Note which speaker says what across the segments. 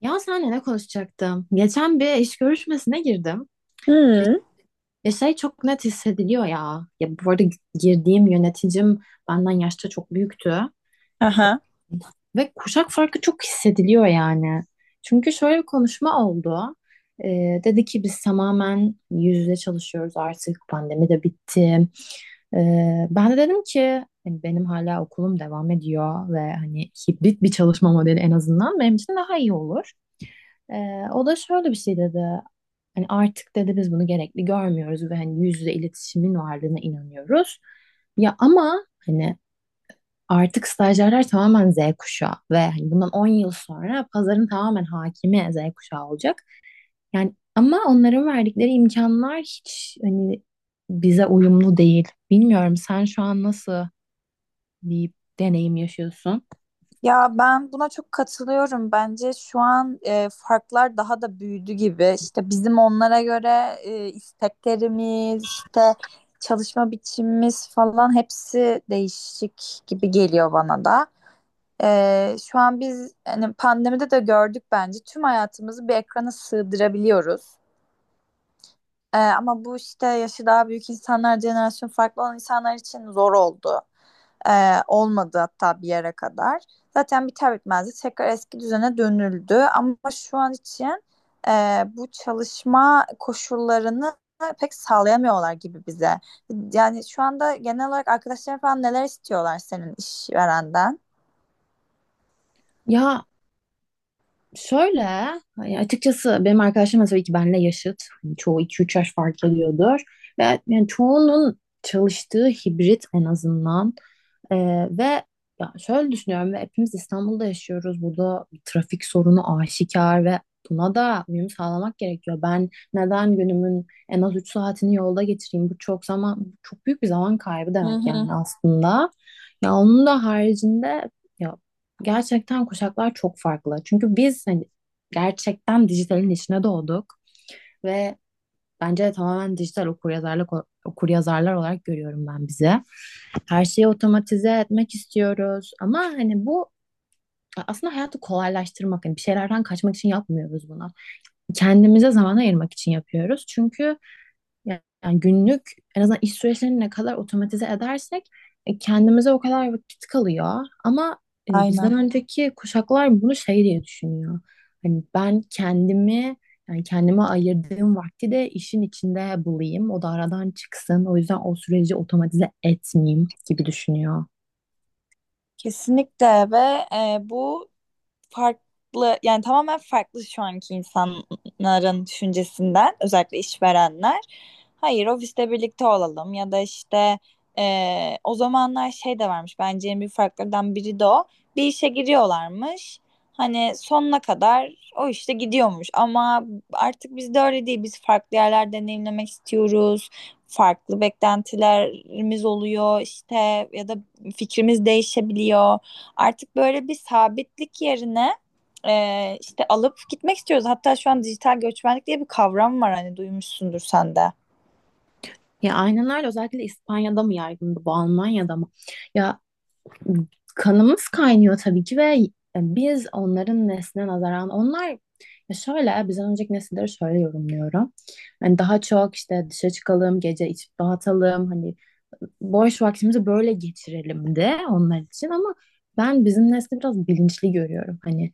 Speaker 1: Ya senle ne konuşacaktım? Geçen bir iş görüşmesine girdim.
Speaker 2: Hı.
Speaker 1: Ya şey çok net hissediliyor ya. Ya bu arada girdiğim yöneticim benden yaşta çok büyüktü.
Speaker 2: Aha.
Speaker 1: Ve kuşak farkı çok hissediliyor yani. Çünkü şöyle bir konuşma oldu. Dedi ki biz tamamen yüz yüze çalışıyoruz artık. Pandemi de bitti. Ben de dedim ki hani benim hala okulum devam ediyor ve hani hibrit bir çalışma modeli en azından benim için daha iyi olur. O da şöyle bir şey dedi. Hani artık dedi biz bunu gerekli görmüyoruz ve hani yüz yüze iletişimin varlığına inanıyoruz. Ya ama hani artık stajyerler tamamen Z kuşağı ve hani bundan 10 yıl sonra pazarın tamamen hakimi Z kuşağı olacak. Yani ama onların verdikleri imkanlar hiç hani bize uyumlu değil. Bilmiyorum sen şu an nasıl bir deneyim yaşıyorsun?
Speaker 2: Ya ben buna çok katılıyorum. Bence şu an farklar daha da büyüdü gibi. İşte bizim onlara göre isteklerimiz, işte çalışma biçimimiz falan hepsi değişik gibi geliyor bana da. Şu an biz hani pandemide de gördük bence tüm hayatımızı bir ekrana sığdırabiliyoruz. Ama bu işte yaşı daha büyük insanlar, jenerasyon farklı olan insanlar için zor oldu. Olmadı hatta bir yere kadar. Zaten biter bitmez de tekrar eski düzene dönüldü. Ama şu an için bu çalışma koşullarını pek sağlayamıyorlar gibi bize. Yani şu anda genel olarak arkadaşların falan neler istiyorlar senin işverenden?
Speaker 1: Ya şöyle, hani açıkçası benim arkadaşlarım da tabii ki benle yaşıt. Hani çoğu iki üç yaş fark ediyordur. Ve yani çoğunun çalıştığı hibrit en azından. Ee, ve Ya şöyle düşünüyorum ve hepimiz İstanbul'da yaşıyoruz. Burada bir trafik sorunu aşikar ve buna da uyum sağlamak gerekiyor. Ben neden günümün en az 3 saatini yolda geçireyim? Bu çok zaman, çok büyük bir zaman kaybı
Speaker 2: Hı
Speaker 1: demek
Speaker 2: hı.
Speaker 1: yani aslında. Ya onun da haricinde ya gerçekten kuşaklar çok farklı. Çünkü biz hani gerçekten dijitalin içine doğduk ve bence tamamen dijital okuryazarlar olarak görüyorum ben bizi. Her şeyi otomatize etmek istiyoruz ama hani bu aslında hayatı kolaylaştırmak, hani bir şeylerden kaçmak için yapmıyoruz bunu. Kendimize zaman ayırmak için yapıyoruz. Çünkü yani günlük en azından iş süreçlerini ne kadar otomatize edersek kendimize o kadar vakit kalıyor. Ama bizden
Speaker 2: Aynen.
Speaker 1: önceki kuşaklar bunu şey diye düşünüyor. Hani ben kendimi yani kendime ayırdığım vakti de işin içinde bulayım. O da aradan çıksın. O yüzden o süreci otomatize etmeyeyim gibi düşünüyor.
Speaker 2: Kesinlikle ve bu farklı yani tamamen farklı şu anki insanların düşüncesinden özellikle işverenler. Hayır, ofiste birlikte olalım ya da işte o zamanlar şey de varmış, bence en büyük farklardan biri de o. Bir işe giriyorlarmış. Hani sonuna kadar o işte gidiyormuş ama artık bizde öyle değil. Biz farklı yerler deneyimlemek istiyoruz. Farklı beklentilerimiz oluyor işte ya da fikrimiz değişebiliyor. Artık böyle bir sabitlik yerine işte alıp gitmek istiyoruz. Hatta şu an dijital göçmenlik diye bir kavram var, hani duymuşsundur sen de.
Speaker 1: Ya aynen öyle, özellikle İspanya'da mı yaygındı bu, Almanya'da mı? Ya kanımız kaynıyor tabii ki ve biz onların nesline nazaran onlar ya şöyle bizden önceki nesilleri şöyle yorumluyorum. Hani daha çok işte dışa çıkalım, gece içip dağıtalım, hani boş vaktimizi böyle geçirelim de onlar için ama ben bizim nesli biraz bilinçli görüyorum. Hani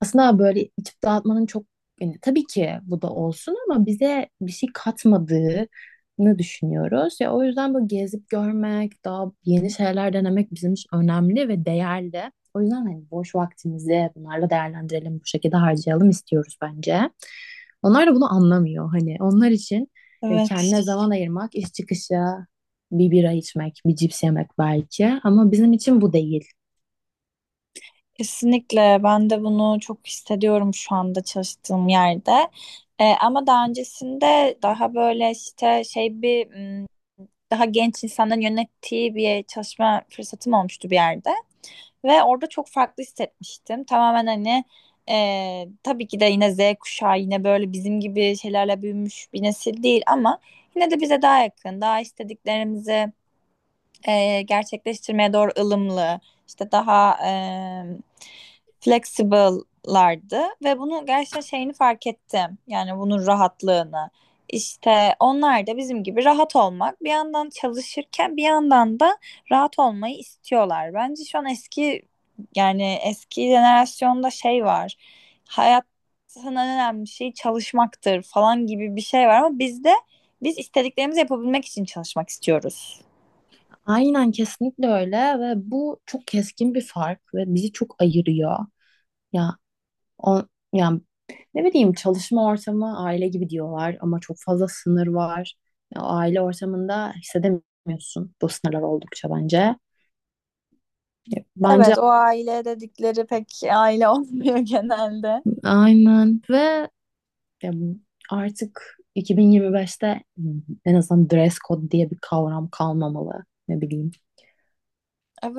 Speaker 1: aslında böyle içip dağıtmanın çok yani tabii ki bu da olsun ama bize bir şey katmadığını düşünüyoruz. Ya o yüzden böyle gezip görmek, daha yeni şeyler denemek bizim için önemli ve değerli. O yüzden hani boş vaktimizi bunlarla değerlendirelim, bu şekilde harcayalım istiyoruz bence. Onlar da bunu anlamıyor hani. Onlar için kendine
Speaker 2: Evet.
Speaker 1: zaman ayırmak, iş çıkışı bir bira içmek, bir cips yemek belki ama bizim için bu değil.
Speaker 2: Kesinlikle ben de bunu çok hissediyorum şu anda çalıştığım yerde. Ama daha öncesinde daha böyle işte şey bir m, daha genç insanların yönettiği bir çalışma fırsatım olmuştu bir yerde. Ve orada çok farklı hissetmiştim. Tamamen hani tabii ki de yine Z kuşağı, yine böyle bizim gibi şeylerle büyümüş bir nesil değil ama yine de bize daha yakın, daha istediklerimizi gerçekleştirmeye doğru ılımlı, işte daha flexible'lardı ve bunu gerçekten şeyini fark ettim. Yani bunun rahatlığını. İşte onlar da bizim gibi rahat olmak, bir yandan çalışırken bir yandan da rahat olmayı istiyorlar. Bence şu an eski yani eski jenerasyonda şey var. Hayatın en önemli şeyi çalışmaktır falan gibi bir şey var ama bizde biz istediklerimizi yapabilmek için çalışmak istiyoruz.
Speaker 1: Aynen, kesinlikle öyle ve bu çok keskin bir fark ve bizi çok ayırıyor. Ya o yani ne bileyim çalışma ortamı aile gibi diyorlar ama çok fazla sınır var. Ya, o aile ortamında hissedemiyorsun bu sınırlar oldukça bence. Ya, Bence
Speaker 2: Evet, o aile dedikleri pek aile olmuyor genelde.
Speaker 1: aynen ve ya, Artık 2025'te en azından dress code diye bir kavram kalmamalı. Ne bileyim.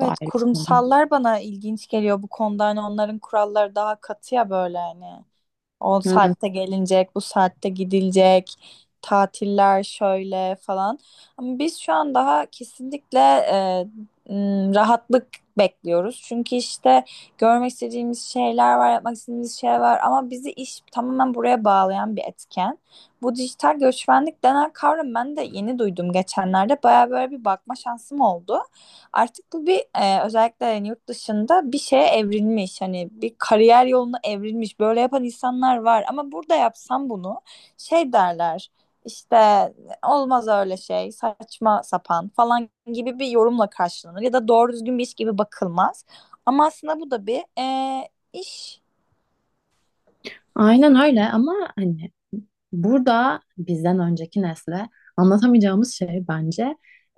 Speaker 1: Bu ayrı bir
Speaker 2: kurumsallar bana ilginç geliyor bu konuda. Hani onların kuralları daha katı ya böyle hani. O
Speaker 1: konu.
Speaker 2: saatte gelinecek, bu saatte gidilecek, tatiller şöyle falan. Ama biz şu an daha kesinlikle rahatlık bekliyoruz. Çünkü işte görmek istediğimiz şeyler var, yapmak istediğimiz şeyler var ama bizi iş tamamen buraya bağlayan bir etken. Bu dijital göçmenlik denen kavram ben de yeni duydum geçenlerde. Baya böyle bir bakma şansım oldu. Artık bu bir özellikle yani yurt dışında bir şeye evrilmiş. Hani bir kariyer yoluna evrilmiş. Böyle yapan insanlar var. Ama burada yapsam bunu şey derler. İşte olmaz öyle şey, saçma sapan falan gibi bir yorumla karşılanır. Ya da doğru düzgün bir iş gibi bakılmaz. Ama aslında bu da bir iş.
Speaker 1: Aynen öyle ama hani burada bizden önceki nesle anlatamayacağımız şey bence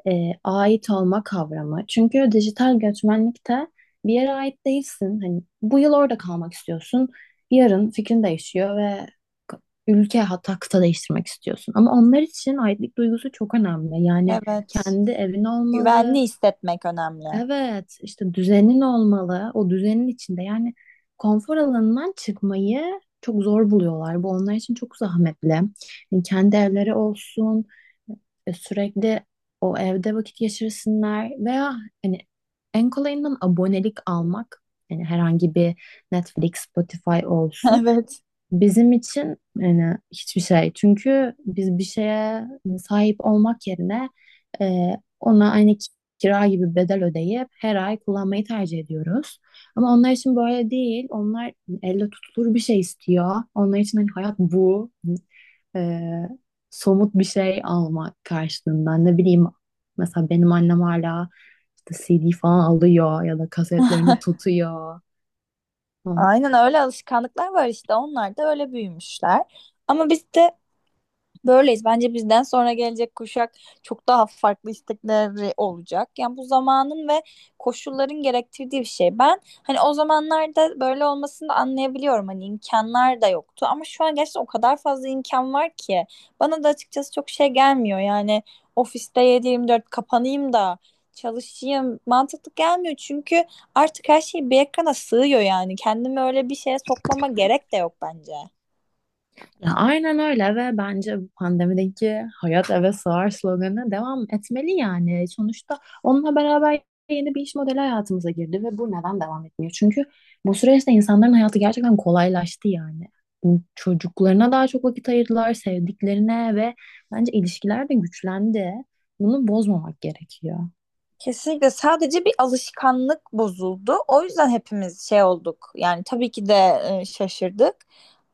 Speaker 1: ait olma kavramı. Çünkü dijital göçmenlikte bir yere ait değilsin. Hani bu yıl orada kalmak istiyorsun. Yarın fikrin değişiyor ve k- ülke hatta kıta değiştirmek istiyorsun. Ama onlar için aitlik duygusu çok önemli. Yani
Speaker 2: Evet.
Speaker 1: kendi evin olmalı,
Speaker 2: Güvenli hissetmek önemli.
Speaker 1: evet, işte düzenin olmalı. O düzenin içinde yani konfor alanından çıkmayı çok zor buluyorlar. Bu onlar için çok zahmetli. Yani kendi evleri olsun, sürekli o evde vakit geçirsinler veya hani en kolayından abonelik almak. Yani herhangi bir Netflix, Spotify olsun.
Speaker 2: Evet.
Speaker 1: Bizim için yani hiçbir şey. Çünkü biz bir şeye sahip olmak yerine e, ona kira gibi bedel ödeyip her ay kullanmayı tercih ediyoruz. Ama onlar için böyle değil. Onlar elle tutulur bir şey istiyor. Onlar için hani hayat bu. E, Somut bir şey almak karşılığında. Ne bileyim mesela benim annem hala işte CD falan alıyor ya da kasetlerini tutuyor. Tamam.
Speaker 2: Aynen öyle, alışkanlıklar var işte. Onlar da öyle büyümüşler. Ama biz de böyleyiz. Bence bizden sonra gelecek kuşak çok daha farklı istekleri olacak. Yani bu zamanın ve koşulların gerektirdiği bir şey. Ben hani o zamanlarda böyle olmasını da anlayabiliyorum. Hani imkanlar da yoktu. Ama şu an gerçekten o kadar fazla imkan var ki. Bana da açıkçası çok şey gelmiyor. Yani ofiste 7-24 kapanayım da çalışayım mantıklı gelmiyor. Çünkü artık her şey bir ekrana sığıyor yani. Kendimi öyle bir şeye sokmama gerek de yok bence.
Speaker 1: Ya aynen öyle ve bence bu pandemideki hayat eve sığar sloganına devam etmeli yani. Sonuçta onunla beraber yeni bir iş modeli hayatımıza girdi ve bu neden devam etmiyor? Çünkü bu süreçte insanların hayatı gerçekten kolaylaştı yani. Çocuklarına daha çok vakit ayırdılar, sevdiklerine ve bence ilişkiler de güçlendi. Bunu bozmamak gerekiyor.
Speaker 2: Kesinlikle sadece bir alışkanlık bozuldu. O yüzden hepimiz şey olduk. Yani tabii ki de şaşırdık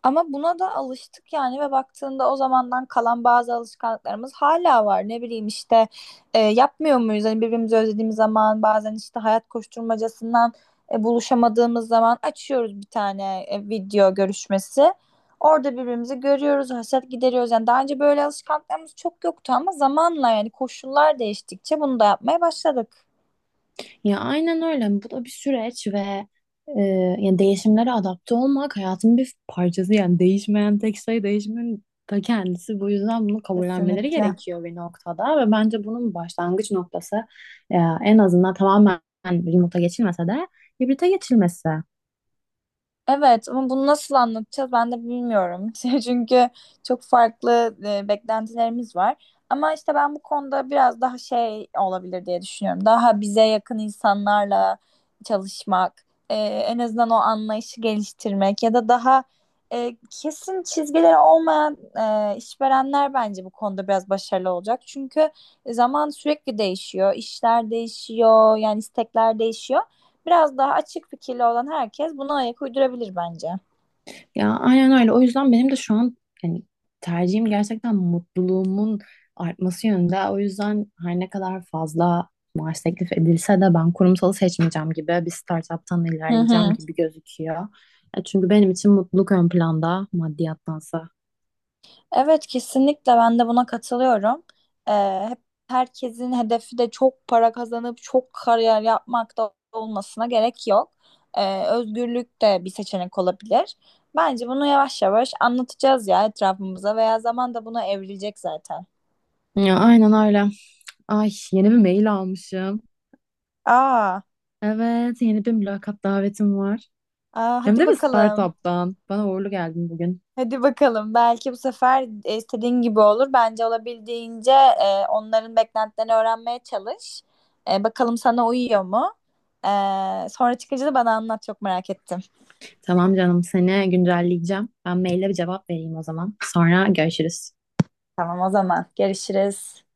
Speaker 2: ama buna da alıştık yani ve baktığında o zamandan kalan bazı alışkanlıklarımız hala var. Ne bileyim işte yapmıyor muyuz? Hani birbirimizi özlediğimiz zaman bazen işte hayat koşturmacasından buluşamadığımız zaman açıyoruz bir tane video görüşmesi. Orada birbirimizi görüyoruz, hasret gideriyoruz. Yani daha önce böyle alışkanlıklarımız çok yoktu ama zamanla yani koşullar değiştikçe bunu da yapmaya başladık.
Speaker 1: Ya aynen öyle. Yani bu da bir süreç ve e, yani değişimlere adapte olmak hayatın bir parçası. Yani değişmeyen tek şey değişimin ta kendisi. Bu yüzden bunu kabullenmeleri
Speaker 2: Kesinlikle.
Speaker 1: gerekiyor bir noktada ve bence bunun başlangıç noktası e, en azından tamamen remote'a geçilmese de hibrite geçilmesi.
Speaker 2: Evet ama bunu nasıl anlatacağız ben de bilmiyorum. Çünkü çok farklı beklentilerimiz var. Ama işte ben bu konuda biraz daha şey olabilir diye düşünüyorum. Daha bize yakın insanlarla çalışmak, en azından o anlayışı geliştirmek ya da daha kesin çizgileri olmayan işverenler bence bu konuda biraz başarılı olacak. Çünkü zaman sürekli değişiyor, işler değişiyor, yani istekler değişiyor. Biraz daha açık fikirli olan herkes buna ayak uydurabilir bence.
Speaker 1: Ya aynen öyle. O yüzden benim de şu an yani tercihim gerçekten mutluluğumun artması yönünde. O yüzden her ne kadar fazla maaş teklif edilse de ben kurumsalı seçmeyeceğim gibi bir startuptan
Speaker 2: Hı
Speaker 1: ilerleyeceğim
Speaker 2: hı.
Speaker 1: gibi gözüküyor. Ya çünkü benim için mutluluk ön planda maddiyattansa.
Speaker 2: Evet, kesinlikle ben de buna katılıyorum. Hep herkesin hedefi de çok para kazanıp çok kariyer yapmak da olmasına gerek yok. Özgürlük de bir seçenek olabilir. Bence bunu yavaş yavaş anlatacağız ya etrafımıza, veya zaman da buna evrilecek zaten.
Speaker 1: Ya aynen öyle. Ay, yeni bir mail almışım.
Speaker 2: Aa,
Speaker 1: Evet, yeni bir mülakat davetim var.
Speaker 2: aa
Speaker 1: Hem
Speaker 2: hadi
Speaker 1: de bir
Speaker 2: bakalım.
Speaker 1: startuptan. Bana uğurlu geldin bugün.
Speaker 2: Hadi bakalım. Belki bu sefer istediğin gibi olur. Bence olabildiğince onların beklentilerini öğrenmeye çalış. E, bakalım sana uyuyor mu? E, sonra çıkınca da bana anlat. Çok merak ettim.
Speaker 1: Tamam canım, seni güncelleyeceğim. Ben maille bir cevap vereyim o zaman. Sonra görüşürüz.
Speaker 2: Tamam o zaman. Görüşürüz.